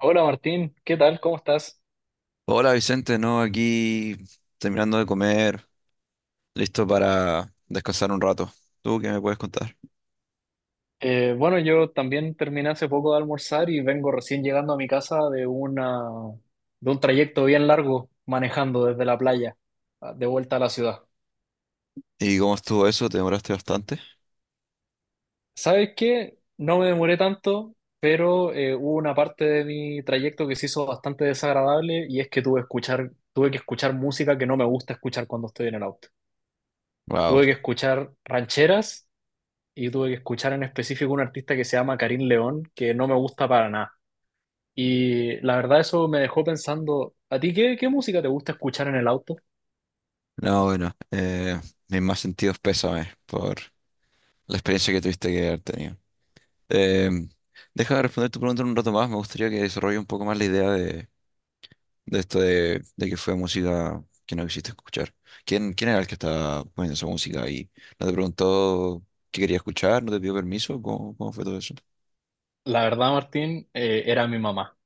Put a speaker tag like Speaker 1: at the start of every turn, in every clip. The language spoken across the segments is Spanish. Speaker 1: Hola Martín, ¿qué tal? ¿Cómo estás?
Speaker 2: Hola Vicente, no, aquí terminando de comer, listo para descansar un rato. ¿Tú qué me puedes contar?
Speaker 1: Bueno, yo también terminé hace poco de almorzar y vengo recién llegando a mi casa de un trayecto bien largo manejando desde la playa de vuelta a la ciudad.
Speaker 2: ¿Y cómo estuvo eso? ¿Te demoraste bastante?
Speaker 1: ¿Sabes qué? No me demoré tanto, pero hubo una parte de mi trayecto que se hizo bastante desagradable y es que tuve que escuchar música que no me gusta escuchar cuando estoy en el auto.
Speaker 2: Wow.
Speaker 1: Tuve que escuchar rancheras y tuve que escuchar en específico un artista que se llama Karim León, que no me gusta para nada. Y la verdad eso me dejó pensando, ¿a ti qué música te gusta escuchar en el auto?
Speaker 2: No, bueno, mis más sentidos pésames por la experiencia que tuviste que haber tenido. Eh, Déjame responder tu pregunta en un rato más, me gustaría que desarrolle un poco más la idea de esto de que fue música que no quisiste escuchar. ¿Quién era el que estaba poniendo esa música ahí? ¿No te preguntó qué quería escuchar? ¿No te pidió permiso? ¿Cómo fue todo eso?
Speaker 1: La verdad, Martín, era mi mamá.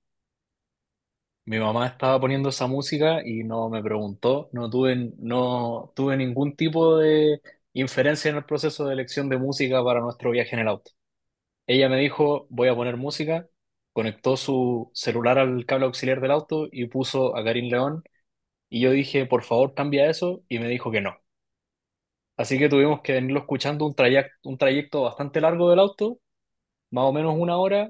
Speaker 1: Mi mamá estaba poniendo esa música y no me preguntó, no tuve ningún tipo de inferencia en el proceso de elección de música para nuestro viaje en el auto. Ella me dijo, voy a poner música, conectó su celular al cable auxiliar del auto y puso a Karim León y yo dije, por favor, cambia eso y me dijo que no. Así que tuvimos que venirlo escuchando un trayecto bastante largo del auto, más o menos una hora,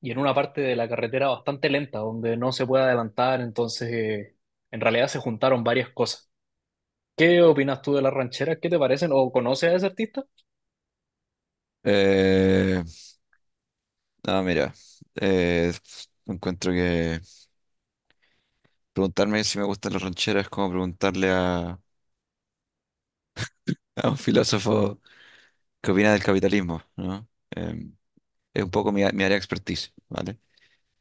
Speaker 1: y en una parte de la carretera bastante lenta, donde no se puede adelantar, entonces en realidad se juntaron varias cosas. ¿Qué opinas tú de las rancheras? ¿Qué te parecen? ¿O conoces a ese artista?
Speaker 2: Eh, no, mira, eh, encuentro que preguntarme si me gustan las rancheras es como preguntarle a un filósofo qué opina del capitalismo, ¿no? Es un poco mi área de expertise, ¿vale?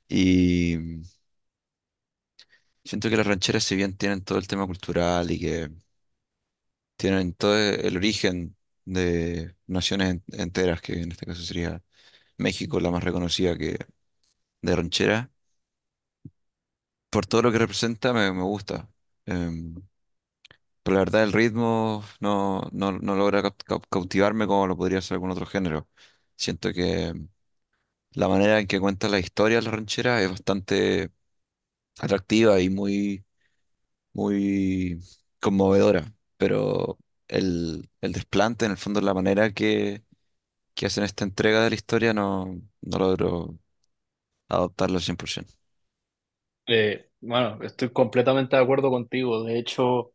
Speaker 2: Y siento que las rancheras, si bien tienen todo el tema cultural y que tienen todo el origen de naciones enteras, que en este caso sería México, la más reconocida que de ranchera. Por todo lo que representa, me gusta. Em, pero la verdad, el ritmo no logra cautivarme como lo podría hacer algún otro género. Siento que la manera en que cuenta la historia de la ranchera es bastante atractiva y muy conmovedora, pero el desplante, en el fondo, la manera que hacen esta entrega de la historia no, no logro adoptarlo al 100%.
Speaker 1: Bueno, estoy completamente de acuerdo contigo. De hecho,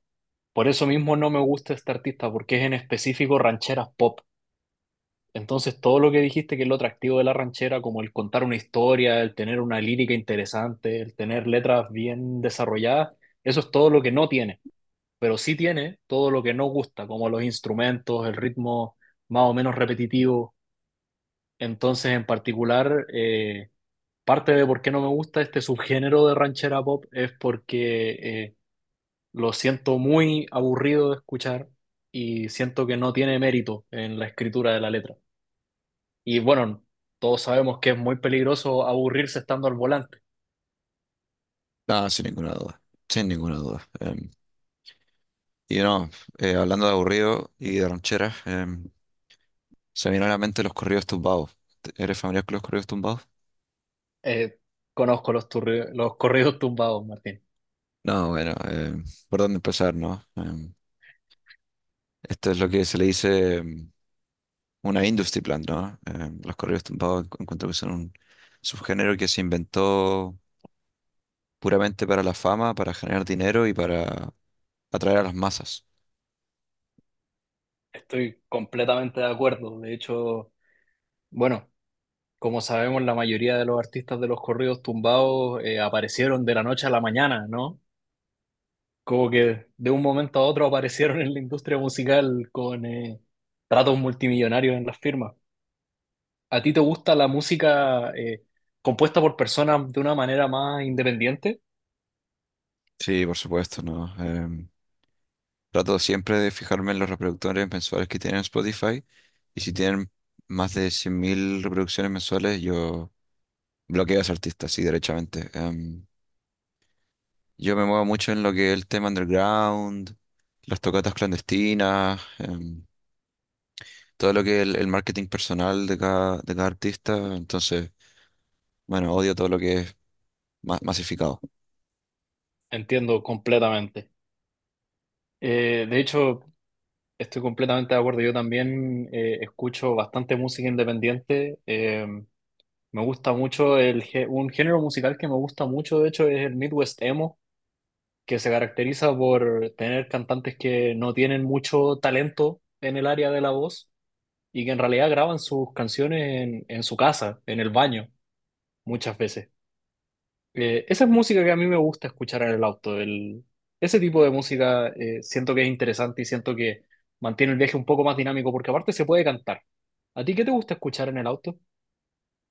Speaker 1: por eso mismo no me gusta este artista, porque es en específico rancheras pop. Entonces, todo lo que dijiste que es lo atractivo de la ranchera, como el contar una historia, el tener una lírica interesante, el tener letras bien desarrolladas, eso es todo lo que no tiene, pero sí tiene todo lo que no gusta, como los instrumentos, el ritmo más o menos repetitivo. Entonces, en particular, parte de por qué no me gusta este subgénero de ranchera pop es porque eh, lo siento muy aburrido de escuchar y siento que no tiene mérito en la escritura de la letra. Y bueno, todos sabemos que es muy peligroso aburrirse estando al volante.
Speaker 2: Ah, sin ninguna duda, sin ninguna duda. Y no, hablando de aburrido y de rancheras, se me vienen a la mente los corridos tumbados. ¿Eres familiar con los corridos tumbados?
Speaker 1: Eh, Conozco los corridos tumbados, Martín.
Speaker 2: No, bueno, ¿por dónde empezar, no? Esto es lo que se le dice una industry plant, ¿no? Los corridos tumbados encuentro que son un subgénero que se inventó puramente para la fama, para generar dinero y para atraer a las masas.
Speaker 1: Estoy completamente de acuerdo. De hecho, bueno, como sabemos, la mayoría de los artistas de los corridos tumbados aparecieron de la noche a la mañana, ¿no? Como que de un momento a otro aparecieron en la industria musical con tratos multimillonarios en las firmas. ¿A ti te gusta la música compuesta por personas de una manera más independiente?
Speaker 2: Sí, por supuesto, ¿no? Trato siempre de fijarme en los reproductores mensuales que tienen Spotify y si tienen más de 100.000 reproducciones mensuales, yo bloqueo a ese artista, sí, derechamente. Yo me muevo mucho en lo que es el tema underground, las tocatas clandestinas, todo lo que es el marketing personal de cada artista. Entonces, bueno, odio todo lo que es masificado.
Speaker 1: Entiendo completamente. De hecho, estoy completamente de acuerdo. Yo también escucho bastante música independiente. Me gusta mucho un género musical que me gusta mucho, de hecho, es el Midwest Emo, que se caracteriza por tener cantantes que no tienen mucho talento en el área de la voz y que en realidad graban sus canciones en su casa, en el baño, muchas veces. Esa es música que a mí me gusta escuchar en el auto. Ese tipo de música siento que es interesante y siento que mantiene el viaje un poco más dinámico porque aparte se puede cantar. ¿A ti qué te gusta escuchar en el auto?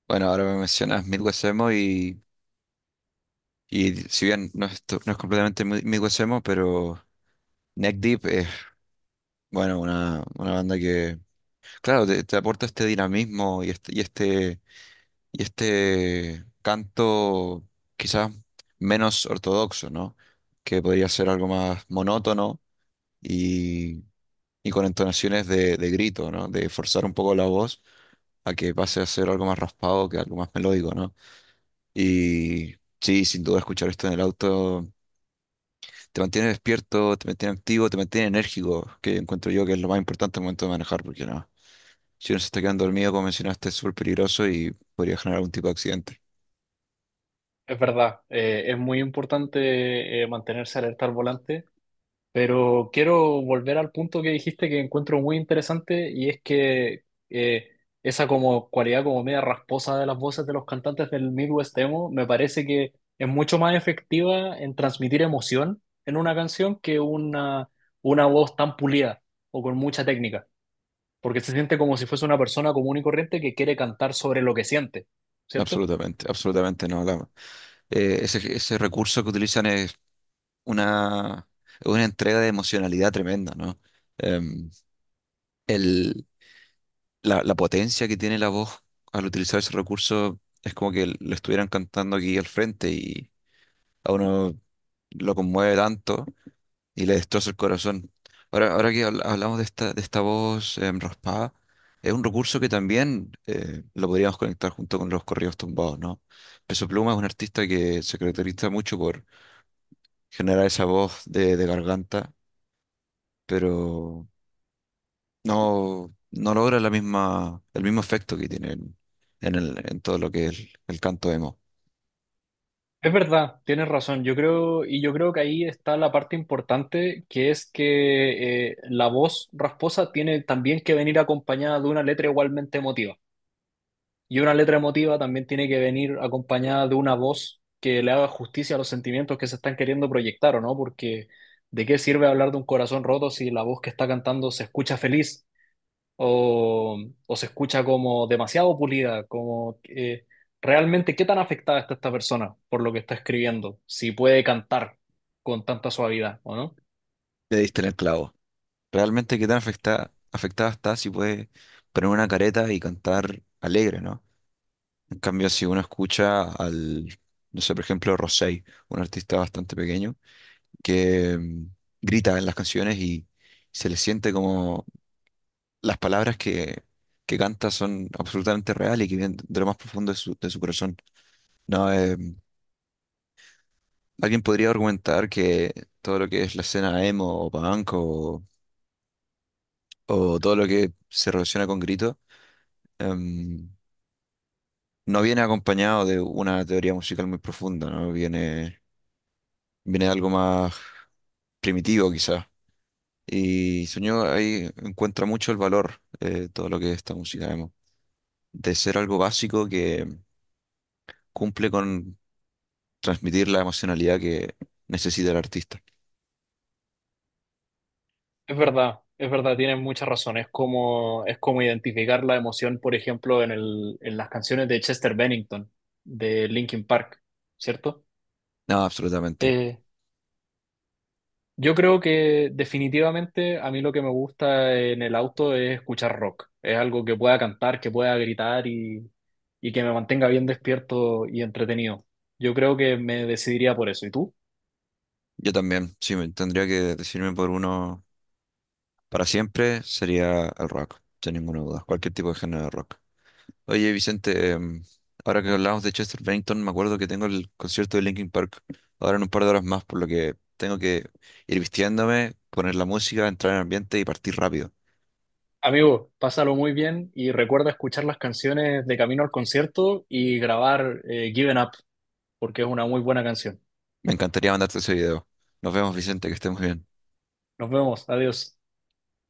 Speaker 2: Bueno, ahora me mencionas Midwest Emo y si bien no es completamente Midwest Emo, pero... Neck Deep es, bueno, una banda que, claro, te aporta este dinamismo y este canto quizás menos ortodoxo, ¿no? Que podría ser algo más monótono y, con entonaciones de grito, ¿no? De forzar un poco la voz a que pase a ser algo más raspado que algo más melódico, ¿no? Y sí, sin duda escuchar esto en el auto te mantiene despierto, te mantiene activo, te mantiene enérgico, que encuentro yo que es lo más importante al momento de manejar, porque no, si uno se está quedando dormido, como mencionaste, es súper peligroso y podría generar algún tipo de accidente.
Speaker 1: Es verdad, es muy importante mantenerse alerta al volante. Pero quiero volver al punto que dijiste que encuentro muy interesante y es que esa como cualidad como media rasposa de las voces de los cantantes del Midwest emo me parece que es mucho más efectiva en transmitir emoción en una canción que una voz tan pulida o con mucha técnica, porque se siente como si fuese una persona común y corriente que quiere cantar sobre lo que siente, ¿cierto?
Speaker 2: Absolutamente, absolutamente no. Ese recurso que utilizan es una, es una entrega de emocionalidad tremenda, ¿no? Em, el, la potencia que tiene la voz al utilizar ese recurso es como que lo estuvieran cantando aquí al frente y a uno lo conmueve tanto y le destroza el corazón. Ahora que hablamos de esta voz raspada, es un recurso que también lo podríamos conectar junto con los corridos tumbados, ¿no? Peso Pluma es un artista que se caracteriza mucho por generar esa voz de garganta, pero no, no logra la misma, el mismo efecto que tiene en, en todo lo que es el canto emo.
Speaker 1: Es verdad, tienes razón. Y yo creo que ahí está la parte importante, que es que la voz rasposa tiene también que venir acompañada de una letra igualmente emotiva. Y una letra emotiva también tiene que venir acompañada de una voz que le haga justicia a los sentimientos que se están queriendo proyectar, ¿o no? Porque ¿de qué sirve hablar de un corazón roto si la voz que está cantando se escucha feliz? O, o se escucha como demasiado pulida, como realmente qué tan afectada está esta persona por lo que está escribiendo, si puede cantar con tanta suavidad o no.
Speaker 2: Le diste en el clavo. Realmente qué tan afectada está si puede poner una careta y cantar alegre, ¿no? En cambio, si uno escucha no sé, por ejemplo, Rosé, un artista bastante pequeño, que grita en las canciones y se le siente como las palabras que canta son absolutamente reales y que vienen de lo más profundo de su corazón. No, alguien podría argumentar que todo lo que es la escena emo o punk o todo lo que se relaciona con grito em, no viene acompañado de una teoría musical muy profunda, ¿no? Viene de algo más primitivo quizás. Y Sueño ahí encuentra mucho el valor de todo lo que es esta música emo, de ser algo básico que cumple con transmitir la emocionalidad que necesita el artista.
Speaker 1: Es verdad, tienes mucha razón, es como identificar la emoción, por ejemplo, en las canciones de Chester Bennington, de Linkin Park, ¿cierto?
Speaker 2: No, absolutamente.
Speaker 1: Eh, Yo creo que definitivamente a mí lo que me gusta en el auto es escuchar rock. Es algo que pueda cantar, que pueda gritar y que me mantenga bien despierto y entretenido. Yo creo que me decidiría por eso. ¿Y tú?
Speaker 2: Yo también, sí, tendría que decidirme por uno. Para siempre sería el rock, sin ninguna duda, cualquier tipo de género de rock. Oye, Vicente, ahora que hablamos de Chester Bennington, me acuerdo que tengo el concierto de Linkin Park ahora en un par de horas más, por lo que tengo que ir vistiéndome, poner la música, entrar en el ambiente y partir rápido.
Speaker 1: Amigo, pásalo muy bien y recuerda escuchar las canciones de camino al concierto y grabar Given Up, porque es una muy buena canción.
Speaker 2: Me encantaría mandarte ese video. Nos vemos, Vicente, que estés muy bien.
Speaker 1: Nos vemos, adiós.